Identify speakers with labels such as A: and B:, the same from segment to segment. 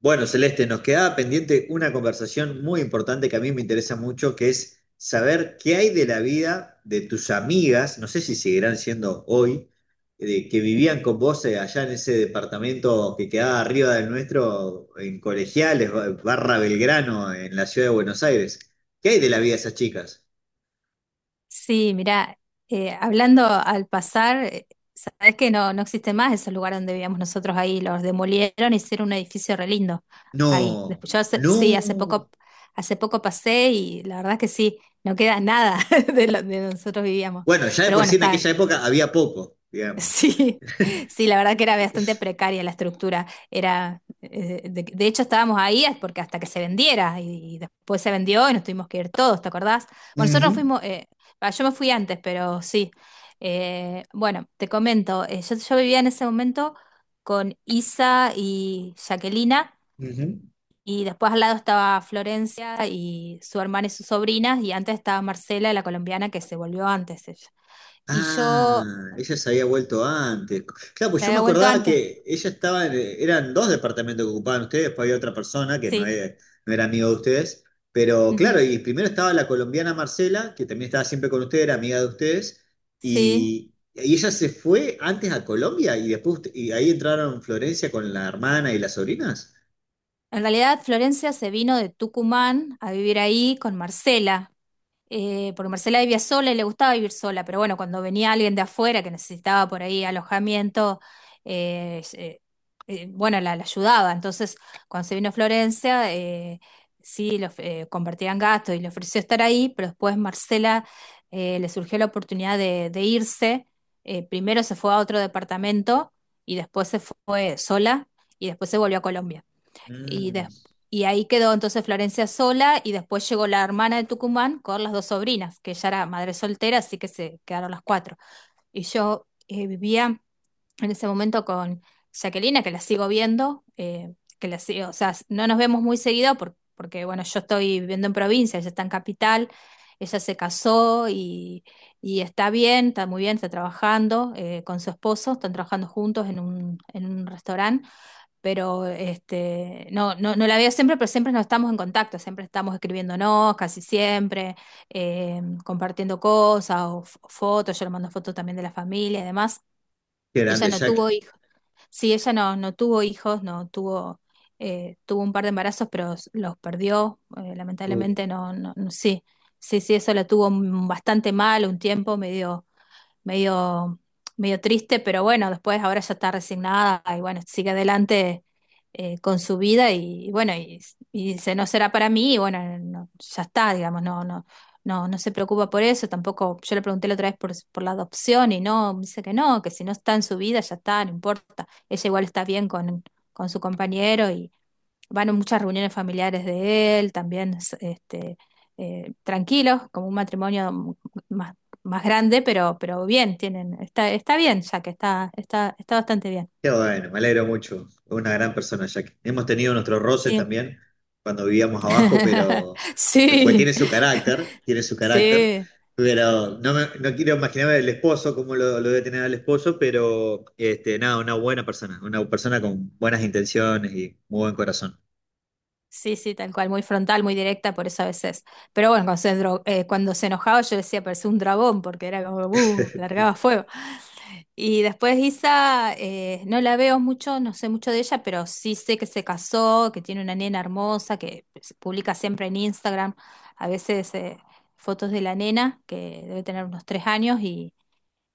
A: Bueno, Celeste, nos quedaba pendiente una conversación muy importante que a mí me interesa mucho, que es saber qué hay de la vida de tus amigas, no sé si seguirán siendo hoy, que vivían con vos allá en ese departamento que quedaba arriba del nuestro, en Colegiales, barra Belgrano, en la ciudad de Buenos Aires. ¿Qué hay de la vida de esas chicas?
B: Sí, mira, hablando al pasar, sabes que no, no existe más esos lugares donde vivíamos nosotros ahí, los demolieron, hicieron un edificio re lindo ahí.
A: No,
B: Después yo sí,
A: no.
B: hace poco pasé y la verdad que sí, no queda nada de donde nosotros vivíamos.
A: Bueno, ya de
B: Pero
A: por
B: bueno,
A: sí en aquella época había poco, digamos.
B: sí, sí, la verdad que era bastante precaria la estructura. Era, de hecho, estábamos ahí es porque hasta que se vendiera y después se vendió y nos tuvimos que ir todos, ¿te acordás? Bueno, nosotros nos
A: Ujú,
B: fuimos, yo me fui antes, pero sí. Bueno, te comento, yo vivía en ese momento con Isa y Jaquelina
A: ujú.
B: y después al lado estaba Florencia y su hermana y sus sobrinas y antes estaba Marcela, la colombiana que se volvió antes ella. Y yo,
A: Ah, ella se había vuelto antes. Claro, pues
B: se
A: yo me
B: había vuelto
A: acordaba
B: antes,
A: que ella estaba, eran dos departamentos que ocupaban ustedes, después había otra persona que no
B: sí.
A: era, no era amigo de ustedes. Pero claro,
B: Ujú.
A: y primero estaba la colombiana Marcela, que también estaba siempre con ustedes, era amiga de ustedes,
B: Sí,
A: y ella se fue antes a Colombia y después y ahí entraron Florencia con la hermana y las sobrinas.
B: en realidad Florencia se vino de Tucumán a vivir ahí con Marcela, porque Marcela vivía sola y le gustaba vivir sola, pero bueno, cuando venía alguien de afuera que necesitaba por ahí alojamiento, eh, eh, bueno, la ayudaba. Entonces, cuando se vino a Florencia, sí, compartían gastos y le ofreció estar ahí, pero después Marcela le surgió la oportunidad de irse. Primero se fue a otro departamento y después se fue sola y después se volvió a Colombia. Y,
A: Mm,
B: des- y ahí quedó entonces Florencia sola y después llegó la hermana de Tucumán con las dos sobrinas, que ella era madre soltera, así que se quedaron las cuatro. Y yo vivía en ese momento con Jacquelina, que la sigo viendo, que la sigo, o sea, no nos vemos muy seguido porque, bueno, yo estoy viviendo en provincia, ella está en capital, ella se casó y está bien, está muy bien, está trabajando con su esposo, están trabajando juntos en un restaurante, pero este, no, no, no la veo siempre, pero siempre nos estamos en contacto, siempre estamos escribiéndonos, casi siempre, compartiendo cosas o fotos, yo le mando fotos también de la familia y demás.
A: qué
B: Ella
A: grande,
B: no tuvo
A: Jack.
B: hijos, sí, ella no, no tuvo hijos, no tuvo, tuvo un par de embarazos, pero los perdió, lamentablemente no, no, sí, sí, sí, eso la tuvo bastante mal un tiempo, medio medio, medio triste, pero bueno, después ahora ya está resignada y bueno, sigue adelante con su vida y bueno, y dice, no será para mí, y bueno, no, ya está, digamos, no, no, no, no se preocupa por eso, tampoco. Yo le pregunté la otra vez por la adopción y no, me dice que no, que si no está en su vida, ya está, no importa, ella igual está bien con su compañero y van a muchas reuniones familiares de él, también este, tranquilos, como un matrimonio más más grande, pero bien, tienen, está bien, ya que está bastante bien.
A: Qué bueno, me alegro mucho. Es una gran persona, Jack. Hemos tenido nuestros roces
B: Sí.
A: también cuando vivíamos abajo, pero pues tiene
B: Sí,
A: su carácter, tiene su carácter.
B: sí,
A: Pero no, no quiero imaginarme el esposo, cómo lo debe tener el esposo, pero este, nada, una buena persona, una persona con buenas intenciones y muy buen corazón.
B: sí, sí, tal cual, muy frontal, muy directa, por eso a veces. Pero bueno, cuando se enojaba yo decía, parecía un dragón, porque era como, largaba fuego. Y después Isa, no la veo mucho, no sé mucho de ella, pero sí sé que se casó, que tiene una nena hermosa, que se publica siempre en Instagram, a veces fotos de la nena, que debe tener unos 3 años,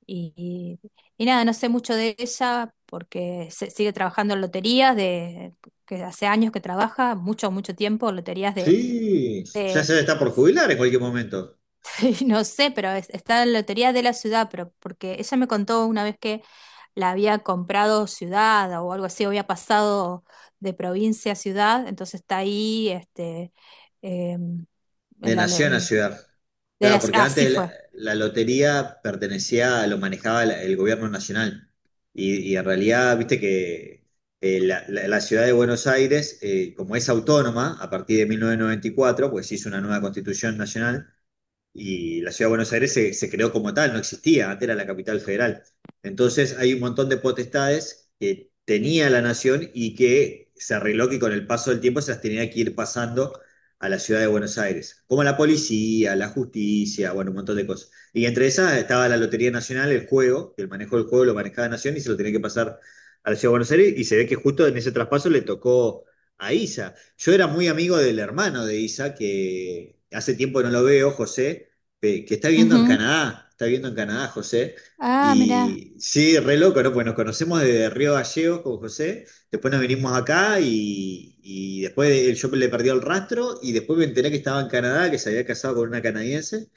B: y, y- y nada, no sé mucho de ella porque sigue trabajando en loterías, de, que hace años que trabaja, mucho, mucho tiempo, loterías de,
A: Sí, ya se está por jubilar en cualquier momento.
B: no sé, pero está en la lotería de la ciudad, pero porque ella me contó una vez que la había comprado ciudad o algo así, o había pasado de provincia a ciudad, entonces está ahí, este, em,
A: De
B: en la, lo-
A: nación a
B: en-
A: ciudad.
B: de
A: Claro,
B: la-
A: porque
B: así
A: antes la,
B: fue.
A: la lotería pertenecía, lo manejaba el gobierno nacional. Y en realidad, viste que la, la ciudad de Buenos Aires, como es autónoma a partir de 1994, pues se hizo una nueva constitución nacional, y la ciudad de Buenos Aires se, se creó como tal, no existía, antes era la capital federal. Entonces hay un montón de potestades que tenía la nación y que se arregló que con el paso del tiempo se las tenía que ir pasando a la ciudad de Buenos Aires, como la policía, la justicia, bueno, un montón de cosas. Y entre esas estaba la Lotería Nacional, el juego, que el manejo del juego lo manejaba la nación y se lo tenía que pasar a la ciudad de Buenos Aires y se ve que justo en ese traspaso le tocó a ISA. Yo era muy amigo del hermano de Isa, que hace tiempo no lo veo, José, que está viviendo en
B: Ujú.
A: Canadá, está viviendo en Canadá, José.
B: Ah, mira.
A: Y sí, re loco, ¿no? Pues nos conocemos desde Río Gallegos con José, después nos vinimos acá y después yo le perdí el rastro y después me enteré que estaba en Canadá, que se había casado con una canadiense.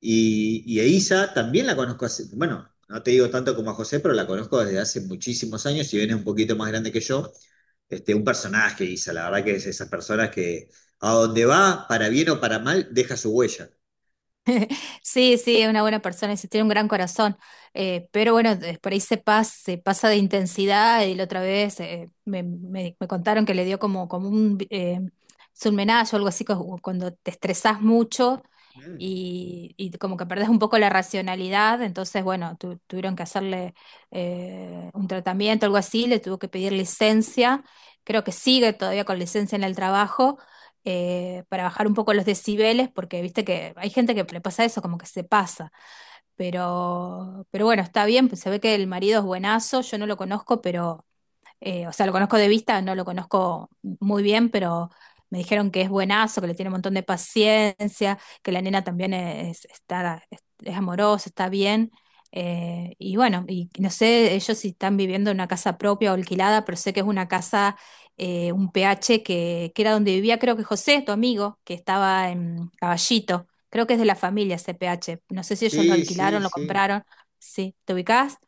A: Y a Isa también la conozco hace, bueno, no te digo tanto como a José, pero la conozco desde hace muchísimos años, si bien es un poquito más grande que yo. Este, un personaje, Isa, la verdad que es esas personas que a donde va, para bien o para mal, deja su huella.
B: Sí, sí, es una buena persona, sí, tiene un gran corazón. Pero bueno, por ahí se pasa de intensidad y la otra vez me contaron que le dio como, un surmenage o algo así, cuando te estresás mucho
A: Mm.
B: y como que perdés un poco la racionalidad. Entonces, bueno, tuvieron que hacerle un tratamiento, algo así, le tuvo que pedir licencia. Creo que sigue todavía con licencia en el trabajo para bajar un poco los decibeles, porque viste que hay gente que le pasa eso, como que se pasa. Pero bueno, está bien, pues se ve que el marido es buenazo, yo no lo conozco, pero o sea, lo conozco de vista, no lo conozco muy bien, pero me dijeron que es buenazo, que le tiene un montón de paciencia, que la nena también es, está, es amorosa, está bien. Y bueno, y no sé ellos si están viviendo en una casa propia o alquilada, pero sé que es una casa, un PH que era donde vivía, creo que José, tu amigo, que estaba en Caballito. Creo que es de la familia ese PH. No sé si ellos lo
A: Sí, sí,
B: alquilaron, lo
A: sí.
B: compraron. Sí, ¿te ubicás?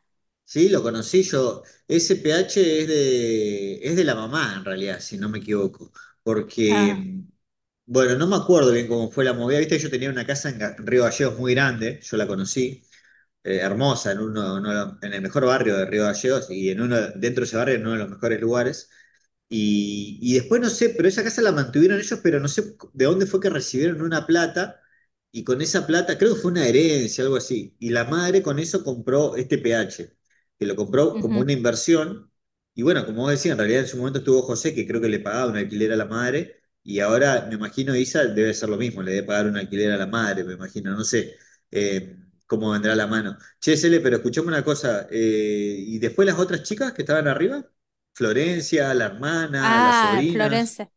A: Sí, lo conocí yo. Ese PH es de la mamá, en realidad, si no me equivoco.
B: Ah,
A: Porque, bueno, no me acuerdo bien cómo fue la movida. Viste, yo tenía una casa en en Río Gallegos muy grande, yo la conocí. Eh, hermosa, en, uno, uno de en el mejor barrio de Río Gallegos y en uno, dentro de ese barrio en uno de los mejores lugares. Y después no sé, pero esa casa la mantuvieron ellos, pero no sé de dónde fue que recibieron una plata y con esa plata, creo que fue una herencia, algo así, y la madre con eso compró este PH, que lo compró como
B: ujú.
A: una inversión, y bueno, como vos decías, en realidad en su momento estuvo José, que creo que le pagaba un alquiler a la madre, y ahora me imagino Isa debe ser lo mismo, le debe pagar un alquiler a la madre, me imagino, no sé eh, cómo vendrá la mano. Che, Cele, pero escuchame una cosa, ¿y después las otras chicas que estaban arriba? Florencia, la hermana, las
B: Ah,
A: sobrinas.
B: Florence.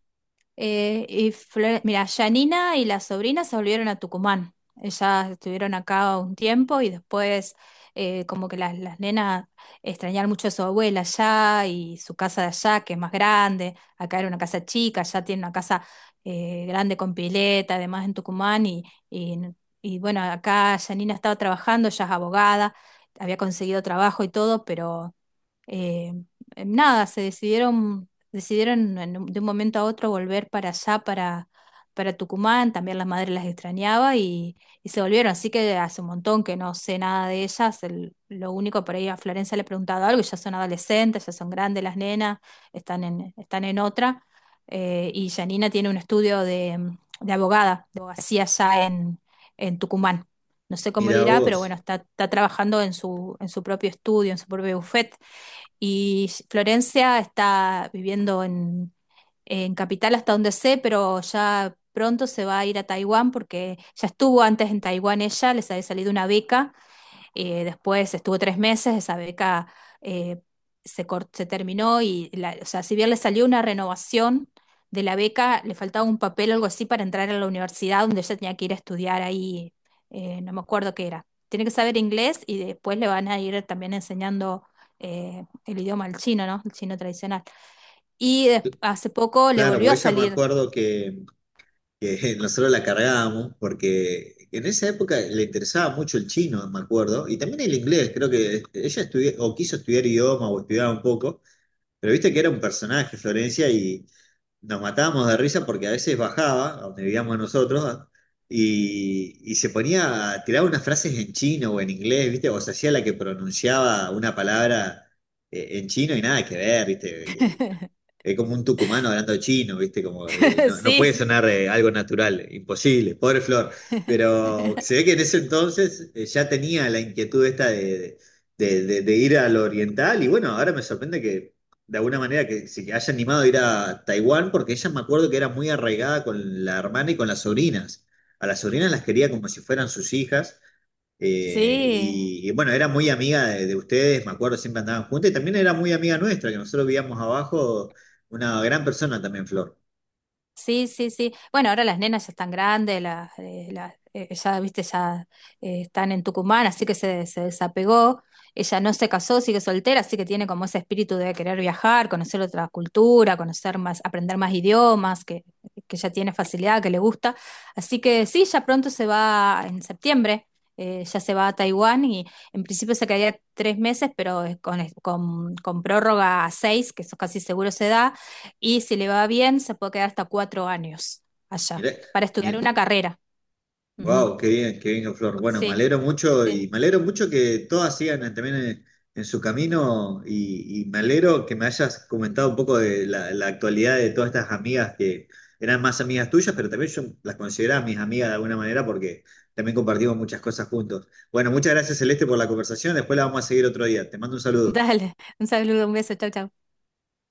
B: Y mira, Janina y la sobrina se volvieron a Tucumán. Ellas estuvieron acá un tiempo y después como que las nenas extrañaron mucho a su abuela allá y su casa de allá, que es más grande. Acá era una casa chica, allá tiene una casa grande con pileta, además en Tucumán. Y, y bueno, acá Janina estaba trabajando, ella es abogada, había conseguido trabajo y todo, pero eh, nada, decidieron de un momento a otro volver para allá, para Tucumán, también la madre las extrañaba y se volvieron, así que hace un montón que no sé nada de ellas, lo único por ahí a Florencia le he preguntado algo, y ya son adolescentes, ya son grandes las nenas, están en otra, y Janina tiene un estudio de, mm, de abogada, de abogacía allá en Tucumán. No sé cómo le
A: Mira
B: irá, pero bueno,
A: vos.
B: está trabajando en su propio estudio, en su propio bufete. Y Florencia está viviendo en Capital hasta donde sé, pero ya pronto se va a ir a Taiwán porque ya estuvo antes en Taiwán ella, les había salido una beca después estuvo 3 meses, esa beca eh, se terminó o sea, si bien le salió una renovación de la beca, le faltaba un papel o algo así para entrar a la universidad donde ella tenía que ir a estudiar ahí, no me acuerdo qué era. Tiene que saber inglés y después le van a ir también enseñando el idioma al chino, ¿no? El chino tradicional. Y hace poco le
A: Claro,
B: volvió a
A: pues ella me
B: salir.
A: acuerdo que nosotros la cargábamos porque en esa época le interesaba mucho el chino, me acuerdo, y también el inglés, creo que ella estudió o quiso estudiar idioma o estudiaba un poco, pero viste que era un personaje Florencia y, nos matábamos de risa porque a veces bajaba, a donde vivíamos nosotros, ¿ah? Y se ponía a tirar unas frases en chino o en inglés, ¿viste? O se hacía la que pronunciaba una palabra en chino y nada que ver, ¿viste? Es como un tucumano hablando chino, ¿viste? Como, no, no
B: Sí.
A: puede sonar algo natural, imposible, pobre Flor. Pero se ve que en ese entonces ya tenía la inquietud esta de, de ir a lo oriental y bueno, ahora me sorprende que de alguna manera que se haya animado a ir a Taiwán porque ella me acuerdo que era muy arraigada con la hermana y con las sobrinas. A las sobrinas las quería como si fueran sus hijas.
B: Sí.
A: Y bueno, era muy amiga de ustedes, me acuerdo, siempre andaban juntas y también era muy amiga nuestra, que nosotros vivíamos abajo una gran persona también, Flor.
B: Sí, sí, sí. Bueno, ahora las nenas ya están grandes, ya, viste, están en Tucumán, así que se desapegó. Ella no se casó, sigue soltera, así que tiene como ese espíritu de querer viajar, conocer otra cultura, conocer más, aprender más idiomas, que ya tiene facilidad, que le gusta. Así que sí, ya pronto se va en septiembre, ya se va a Taiwán y en principio se quedaría 3 meses, pero con prórroga a seis, que eso casi seguro se da y si le va bien, se puede quedar hasta 4 años allá
A: Mirá,
B: para estudiar una carrera. Ujú.
A: wow, qué bien, Flor. Bueno, me
B: Sí,
A: alegro mucho
B: sí.
A: y me alegro mucho que todas sigan también en su camino y me alegro que me hayas comentado un poco de la, la actualidad de todas estas amigas que eran más amigas tuyas, pero también yo las consideraba mis amigas de alguna manera porque también compartimos muchas cosas juntos. Bueno, muchas gracias, Celeste, por la conversación. Después la vamos a seguir otro día. Te mando un saludo.
B: Dale, un saludo, un beso, chau, chau.